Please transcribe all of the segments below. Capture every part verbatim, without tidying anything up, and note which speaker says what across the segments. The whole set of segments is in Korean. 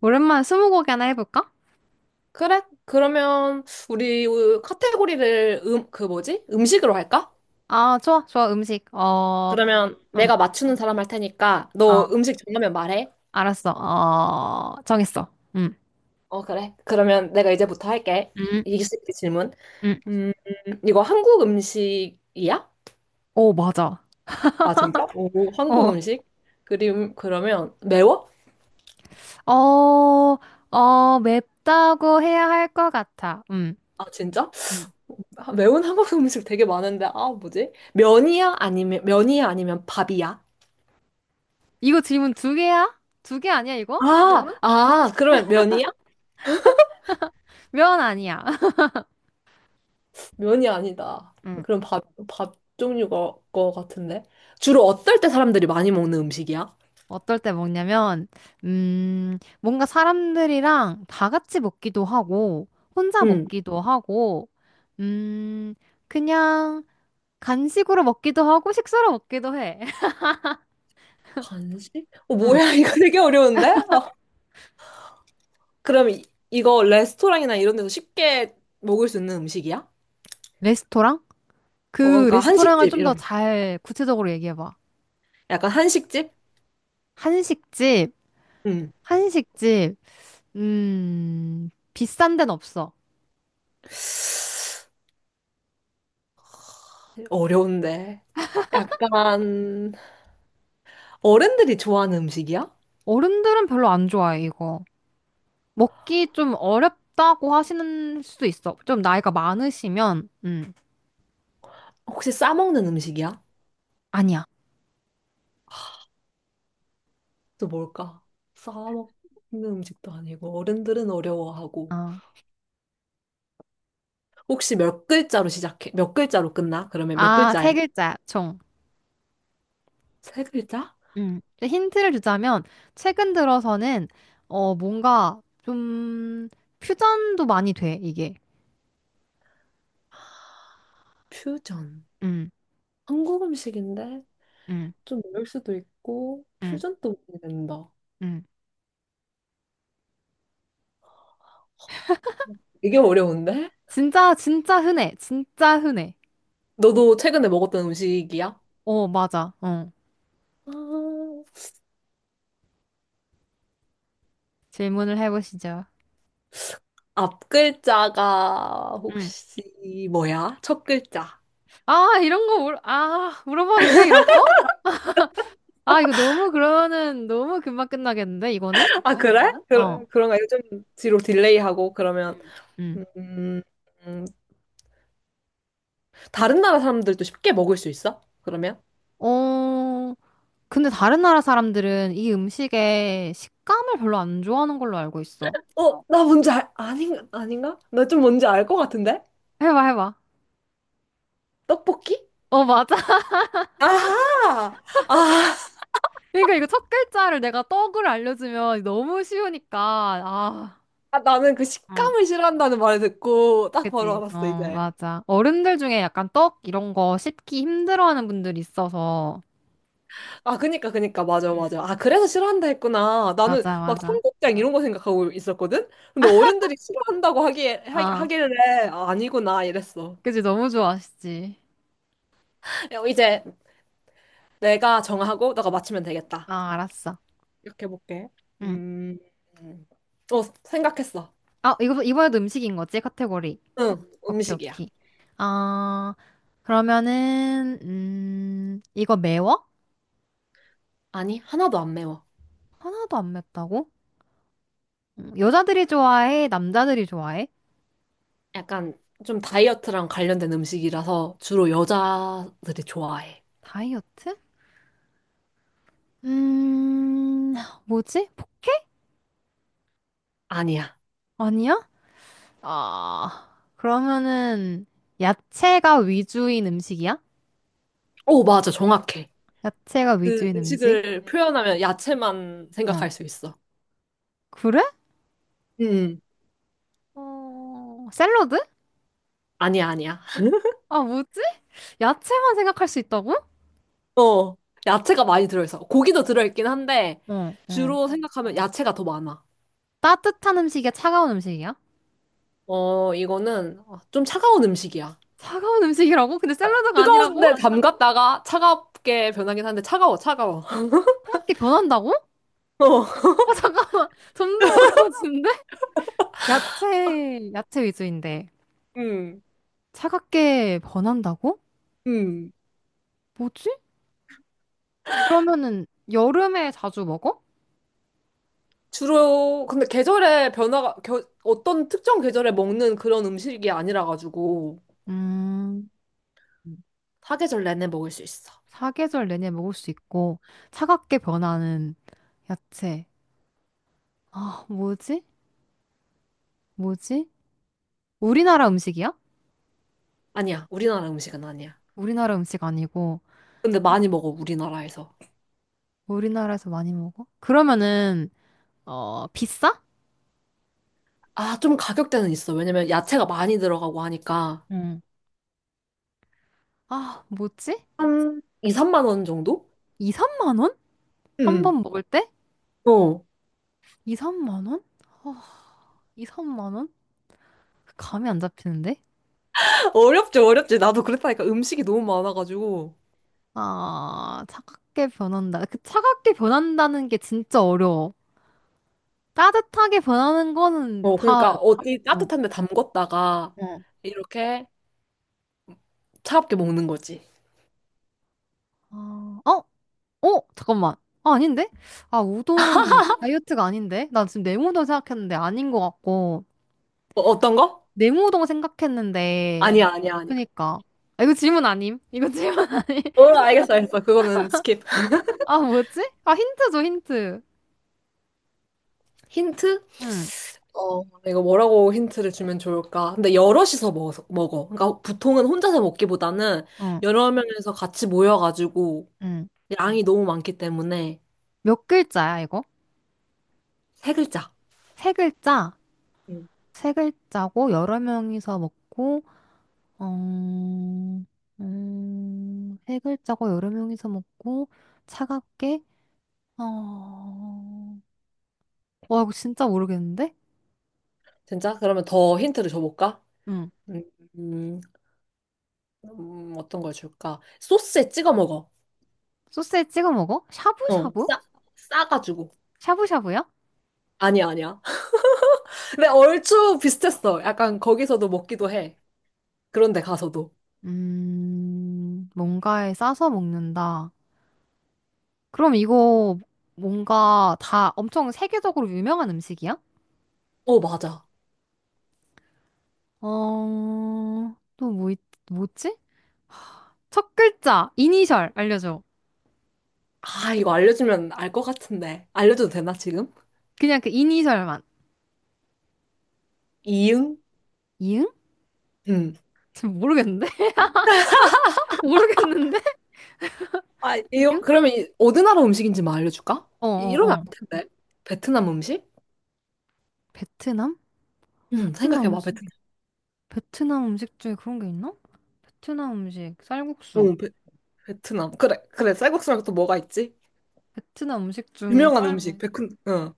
Speaker 1: 오랜만에 스무고개 하나 해볼까?
Speaker 2: 그래? 그러면 우리 카테고리를 음, 그 뭐지? 음식으로 할까?
Speaker 1: 아, 좋아, 좋아, 음식. 어,
Speaker 2: 그러면
Speaker 1: 응,
Speaker 2: 내가 맞추는 사람 할 테니까
Speaker 1: 어,
Speaker 2: 너 음식 정하면 말해.
Speaker 1: 알았어. 어, 정했어. 응,
Speaker 2: 어, 그래. 그러면 내가 이제부터 할게. 이-
Speaker 1: 응,
Speaker 2: 이길 수 있게 질문.
Speaker 1: 응.
Speaker 2: 음, 이거 한국 음식이야?
Speaker 1: 오, 맞아.
Speaker 2: 아, 진짜? 오, 한국
Speaker 1: 어,
Speaker 2: 음식? 그림, 그러면 매워?
Speaker 1: 어, 어, 맵다고 해야 할 것 같아. 응,
Speaker 2: 아, 진짜?
Speaker 1: 응.
Speaker 2: 아, 매운 한국 음식 되게 많은데, 아, 뭐지? 면이야? 아니면, 면이야? 아니면 밥이야?
Speaker 1: 이거 질문 두 개야? 두 개 아니야, 이거?
Speaker 2: 아,
Speaker 1: 질문?
Speaker 2: 아, 그러면 면이야?
Speaker 1: 면 아니야.
Speaker 2: 면이 아니다.
Speaker 1: 응.
Speaker 2: 그럼 밥, 밥 종류가 거 같은데? 주로 어떨 때 사람들이 많이 먹는 음식이야?
Speaker 1: 어떨 때 먹냐면, 음, 뭔가 사람들이랑 다 같이 먹기도 하고, 혼자
Speaker 2: 응.
Speaker 1: 먹기도 하고, 음, 그냥, 간식으로 먹기도 하고 식사로 먹기도 해.
Speaker 2: 간식? 어,
Speaker 1: 응.
Speaker 2: 뭐야, 이거 되게 어려운데? 어. 그럼 이, 이거 레스토랑이나 이런 데서 쉽게 먹을 수 있는 음식이야?
Speaker 1: 레스토랑?
Speaker 2: 어,
Speaker 1: 그
Speaker 2: 그러니까
Speaker 1: 레스토랑을
Speaker 2: 한식집,
Speaker 1: 좀 더
Speaker 2: 이런.
Speaker 1: 잘 구체적으로 얘기해봐.
Speaker 2: 약간 한식집?
Speaker 1: 한식집,
Speaker 2: 응.
Speaker 1: 한식집, 음, 비싼 데는 없어.
Speaker 2: 어려운데. 약간 어른들이 좋아하는 음식이야?
Speaker 1: 어른들은 별로 안 좋아해, 이거. 먹기 좀 어렵다고 하시는 수도 있어. 좀 나이가 많으시면, 음,
Speaker 2: 혹시 싸먹는 음식이야?
Speaker 1: 아니야.
Speaker 2: 또 뭘까? 싸먹는 음식도 아니고 어른들은 어려워하고.
Speaker 1: 어.
Speaker 2: 혹시 몇 글자로 시작해? 몇 글자로 끝나? 그러면 몇
Speaker 1: 아,
Speaker 2: 글자야?
Speaker 1: 세 글자, 총.
Speaker 2: 세 글자?
Speaker 1: 음. 힌트를 주자면, 최근 들어서는, 어, 뭔가 좀, 음, 퓨전도 많이 돼, 이게.
Speaker 2: 퓨전.
Speaker 1: 음,
Speaker 2: 한국 음식인데
Speaker 1: 음,
Speaker 2: 좀 어려울 수도 있고
Speaker 1: 음,
Speaker 2: 퓨전 또 모르겠다.
Speaker 1: 음.
Speaker 2: 이게 어려운데?
Speaker 1: 진짜, 진짜 흔해. 진짜 흔해.
Speaker 2: 너도 최근에 먹었던 음식이야?
Speaker 1: 어, 맞아. 어.
Speaker 2: 아,
Speaker 1: 질문을 해보시죠.
Speaker 2: 앞 글자가
Speaker 1: 음.
Speaker 2: 혹시 뭐야? 첫 글자.
Speaker 1: 아, 이런 거, 물, 아, 물어봐도 돼, 이런 거? 아, 이거 너무 그러면은, 너무 금방 끝나겠는데, 이거는?
Speaker 2: 아, 그래? 그래,
Speaker 1: 어,
Speaker 2: 그런가? 요즘 뒤로 딜레이하고 그러면
Speaker 1: 음.
Speaker 2: 음, 음, 다른 나라 사람들도 쉽게 먹을 수 있어? 그러면?
Speaker 1: 어, 근데 다른 나라 사람들은 이 음식의 식감을 별로 안 좋아하는 걸로 알고 있어.
Speaker 2: 어, 나 뭔지 알, 아닌가? 아닌가? 나 좀 뭔지 알 것 같은데?
Speaker 1: 해봐, 해봐.
Speaker 2: 떡볶이?
Speaker 1: 어, 맞아.
Speaker 2: 아하! 아,
Speaker 1: 그러니까 이거 첫 글자를 내가 떡을 알려주면 너무 쉬우니까,
Speaker 2: 아, 나는 그
Speaker 1: 아.
Speaker 2: 식감을 싫어한다는 말을 듣고 딱 바로
Speaker 1: 그지?
Speaker 2: 알았어,
Speaker 1: 어,
Speaker 2: 이제.
Speaker 1: 맞아. 어른들 중에 약간 떡 이런 거 씹기 힘들어하는 분들이 있어서.
Speaker 2: 아, 그니까, 그니까, 맞아, 맞아.
Speaker 1: 음.
Speaker 2: 아, 그래서 싫어한다 했구나. 나는
Speaker 1: 맞아,
Speaker 2: 막
Speaker 1: 맞아.
Speaker 2: 청국장 이런 거 생각하고 있었거든? 근데 어른들이 싫어한다고 하기에, 하,
Speaker 1: 아,
Speaker 2: 하길래, 아, 아니구나, 이랬어.
Speaker 1: 그지? 너무 좋아하시지.
Speaker 2: 야, 이제 내가 정하고 너가 맞추면 되겠다.
Speaker 1: 아, 알았어.
Speaker 2: 이렇게 해볼게.
Speaker 1: 응.
Speaker 2: 음, 음. 어, 생각했어.
Speaker 1: 아, 이거, 이번에도 음식인 거지? 카테고리.
Speaker 2: 응,
Speaker 1: 오케이,
Speaker 2: 음식이야.
Speaker 1: 오케이. 아, 그러면은, 음, 이거 매워?
Speaker 2: 아니, 하나도 안 매워.
Speaker 1: 하나도 안 맵다고? 음, 여자들이 좋아해? 남자들이 좋아해?
Speaker 2: 약간 좀 다이어트랑 관련된 음식이라서 주로 여자들이 좋아해.
Speaker 1: 다이어트? 음, 뭐지? 포케?
Speaker 2: 아니야.
Speaker 1: 아니야? 아, 그러면은 야채가 위주인 음식이야?
Speaker 2: 오, 맞아. 정확해.
Speaker 1: 야채가
Speaker 2: 그
Speaker 1: 위주인 음식?
Speaker 2: 음식을 표현하면 야채만
Speaker 1: 어.
Speaker 2: 생각할 수 있어.
Speaker 1: 그래?
Speaker 2: 음,
Speaker 1: 어, 샐러드?
Speaker 2: 아니야, 아니야.
Speaker 1: 아, 뭐지? 야채만 생각할 수 있다고?
Speaker 2: 어, 야채가 많이 들어있어. 고기도 들어있긴 한데,
Speaker 1: 어, 어.
Speaker 2: 주로 생각하면 야채가 더 많아.
Speaker 1: 따뜻한 음식이야? 차가운 음식이야?
Speaker 2: 어, 이거는 좀 차가운 음식이야.
Speaker 1: 차가운 음식이라고? 근데 샐러드가 아니라고?
Speaker 2: 뜨거운데 담갔다가 차갑게 변하긴 한데, 차가워, 차가워.
Speaker 1: 그렇게 변한다고?
Speaker 2: 어,
Speaker 1: 어, 잠깐만. 점점 어려워지는데? 야채, 야채 위주인데.
Speaker 2: 음,
Speaker 1: 차갑게 변한다고?
Speaker 2: 음.
Speaker 1: 뭐지? 그러면은 여름에 자주 먹어?
Speaker 2: 주로 근데 계절에 변화가 겨, 어떤 특정 계절에 먹는 그런 음식이 아니라 가지고
Speaker 1: 음.
Speaker 2: 사계절 내내 먹을 수 있어.
Speaker 1: 사계절 내내 먹을 수 있고 차갑게 변하는 야채. 아, 뭐지? 뭐지? 우리나라 음식이야?
Speaker 2: 아니야. 우리나라 음식은 아니야.
Speaker 1: 우리나라 음식 아니고
Speaker 2: 근데 많이 먹어 우리나라에서.
Speaker 1: 우리나라에서 많이 먹어? 그러면은 어, 비싸?
Speaker 2: 아, 좀 가격대는 있어. 왜냐면 야채가 많이 들어가고 하니까
Speaker 1: 응. 아, 뭐지?
Speaker 2: 한 이, 삼만 원 정도?
Speaker 1: 이, 삼만 원? 한
Speaker 2: 응,
Speaker 1: 번 먹을 때?
Speaker 2: 어.
Speaker 1: 이, 삼만 원? 아, 이, 삼만 원? 그 감이 안 잡히는데?
Speaker 2: 어렵지, 어렵지. 나도 그랬다니까 음식이 너무 많아가지고.
Speaker 1: 아, 차갑게 변한다. 그 차갑게 변한다는 게 진짜 어려워. 따뜻하게 변하는 거는
Speaker 2: 어,
Speaker 1: 다,
Speaker 2: 그러니까 어디
Speaker 1: 응.
Speaker 2: 따뜻한 데 담궜다가
Speaker 1: 응.
Speaker 2: 이렇게 차갑게 먹는 거지.
Speaker 1: 아, 어? 어? 잠깐만. 아, 아닌데? 아, 우동은 다이어트가 아닌데? 나 지금 냉우동 생각했는데 아닌 것 같고.
Speaker 2: 어, 어떤 거?
Speaker 1: 냉우동 생각했는데.
Speaker 2: 아니야, 아니야, 아니야.
Speaker 1: 그니까. 아, 이거 질문 아님? 이거 질문 아님?
Speaker 2: 어, 알겠어, 알겠어. 그거는 스킵.
Speaker 1: 아, 뭐였지? 아, 힌트 줘, 힌트.
Speaker 2: 힌트?
Speaker 1: 응,
Speaker 2: 어, 이거 뭐라고 힌트를 주면 좋을까? 근데 여럿이서 먹어, 먹어. 그러니까 보통은 혼자서 먹기보다는
Speaker 1: 응,
Speaker 2: 여러 명에서 같이 모여가지고
Speaker 1: 응.
Speaker 2: 양이 너무 많기 때문에
Speaker 1: 몇 글자야, 이거?
Speaker 2: 세 글자.
Speaker 1: 세 글자?
Speaker 2: 음.
Speaker 1: 세 글자고, 여러 명이서 먹고, 어, 음, 세 글자고, 여러 명이서 먹고, 차갑게, 어, 와, 이거 진짜 모르겠는데?
Speaker 2: 진짜? 그러면 더 힌트를 줘볼까?
Speaker 1: 응.
Speaker 2: 음, 음, 음, 어떤 걸 줄까? 소스에 찍어 먹어.
Speaker 1: 소스에 찍어 먹어?
Speaker 2: 어,
Speaker 1: 샤브샤브?
Speaker 2: 싸, 싸가지고.
Speaker 1: 샤브샤브야?
Speaker 2: 아니야, 아니야. 근데 얼추 비슷했어. 약간 거기서도 먹기도 해. 그런데 가서도.
Speaker 1: 음, 뭔가에 싸서 먹는다. 그럼 이거 뭔가 다 엄청 세계적으로 유명한 음식이야?
Speaker 2: 어, 맞아.
Speaker 1: 어, 또 뭐, 있, 뭐지? 첫 글자, 이니셜 알려줘.
Speaker 2: 아, 이거 알려주면 알 것 같은데. 알려줘도 되나, 지금?
Speaker 1: 그냥 그 이니셜만.
Speaker 2: 이응?
Speaker 1: 이응?
Speaker 2: 응.
Speaker 1: 지금 모르겠는데? 모르겠는데?
Speaker 2: 아, 이거,
Speaker 1: 이응?
Speaker 2: 그러면 이, 어느 나라 음식인지 만 알려줄까?
Speaker 1: 어,
Speaker 2: 이-
Speaker 1: 어,
Speaker 2: 이러면
Speaker 1: 어.
Speaker 2: 안 텐데. 베트남 음식?
Speaker 1: 베트남?
Speaker 2: 응,
Speaker 1: 베트남
Speaker 2: 생각해봐,
Speaker 1: 음식.
Speaker 2: 베트남.
Speaker 1: 베트남 음식 중에 그런 게 있나? 베트남 음식, 쌀국수.
Speaker 2: 응, 베, 베트남. 그래, 그래, 쌀국수랑 또 뭐가 있지?
Speaker 1: 베트남 음식 중에
Speaker 2: 유명한
Speaker 1: 쌀
Speaker 2: 음식, 음, 베큰, 응.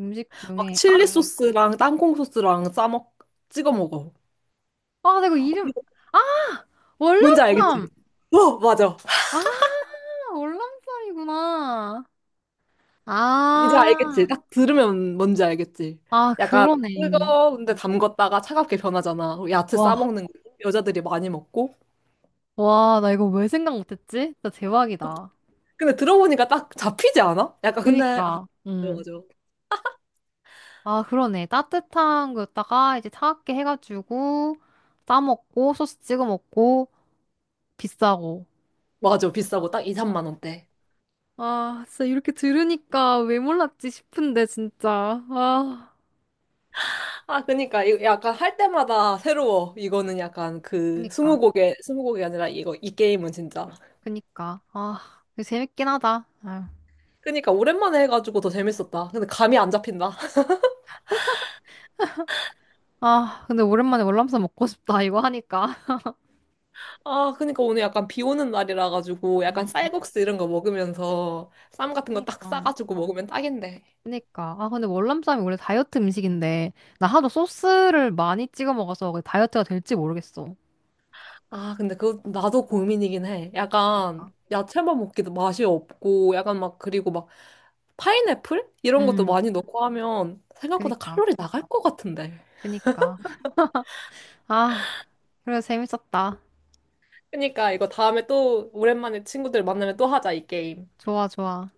Speaker 1: 음식
Speaker 2: 막
Speaker 1: 중에
Speaker 2: 칠리 음.
Speaker 1: 아,
Speaker 2: 소스랑 땅콩 소스랑 싸먹, 찍어 먹어.
Speaker 1: 아 내가
Speaker 2: 어,
Speaker 1: 이름.
Speaker 2: 이거
Speaker 1: 아,
Speaker 2: 뭔지 알겠지?
Speaker 1: 월남쌈.
Speaker 2: 어, 맞아.
Speaker 1: 아, 월남쌈이구나. 아.
Speaker 2: 이제 알겠지. 딱 들으면 뭔지 알겠지.
Speaker 1: 아,
Speaker 2: 약간
Speaker 1: 그러네.
Speaker 2: 뜨거운데 담궜다가 차갑게 변하잖아. 야채
Speaker 1: 와.
Speaker 2: 싸먹는 거 여자들이 많이 먹고.
Speaker 1: 와, 나 이거 왜 생각 못했지. 진짜 대박이다.
Speaker 2: 근데 들어보니까 딱 잡히지 않아? 약간 근데 아,
Speaker 1: 그니까.
Speaker 2: 맞아.
Speaker 1: 음아,
Speaker 2: 맞아,
Speaker 1: 그러네. 따뜻한 거였다가 이제 차갑게 해가지고 싸 먹고 소스 찍어 먹고 비싸고.
Speaker 2: 맞아, 비싸고 딱 이, 삼만 원대.
Speaker 1: 아, 진짜 이렇게 들으니까 왜 몰랐지 싶은데. 진짜. 아,
Speaker 2: 아, 그니까 이거 약간 할 때마다 새로워. 이거는 약간 그
Speaker 1: 그니까
Speaker 2: 스무고개, 스무고개 아니라 이거 이 게임은 진짜.
Speaker 1: 그니까. 아, 이거 재밌긴 하다. 아유.
Speaker 2: 그니까 오랜만에 해가지고 더 재밌었다. 근데 감이 안 잡힌다.
Speaker 1: 아, 근데 오랜만에 월남쌈 먹고 싶다. 이거 하니까.
Speaker 2: 아, 그러니까 오늘 약간 비 오는 날이라 가지고 약간
Speaker 1: 음, 음.
Speaker 2: 쌀국수 이런 거 먹으면서 쌈 같은 거 딱
Speaker 1: 그니까.
Speaker 2: 싸가지고 먹으면 딱인데.
Speaker 1: 그니까. 아, 근데 월남쌈이 원래 다이어트 음식인데, 나 하도 소스를 많이 찍어 먹어서 그게 다이어트가 될지 모르겠어.
Speaker 2: 아, 근데 그거 나도 고민이긴 해.
Speaker 1: 그니까.
Speaker 2: 약간 야채만 먹기도 맛이 없고 약간 막 그리고 막 파인애플 이런 것도
Speaker 1: 음.
Speaker 2: 많이 넣고 하면 생각보다
Speaker 1: 그니까.
Speaker 2: 칼로리 나갈 것 같은데.
Speaker 1: 그니까. 아, 그래, 재밌었다.
Speaker 2: 그러니까 이거 다음에 또 오랜만에 친구들 만나면 또 하자, 이 게임.
Speaker 1: 좋아, 좋아.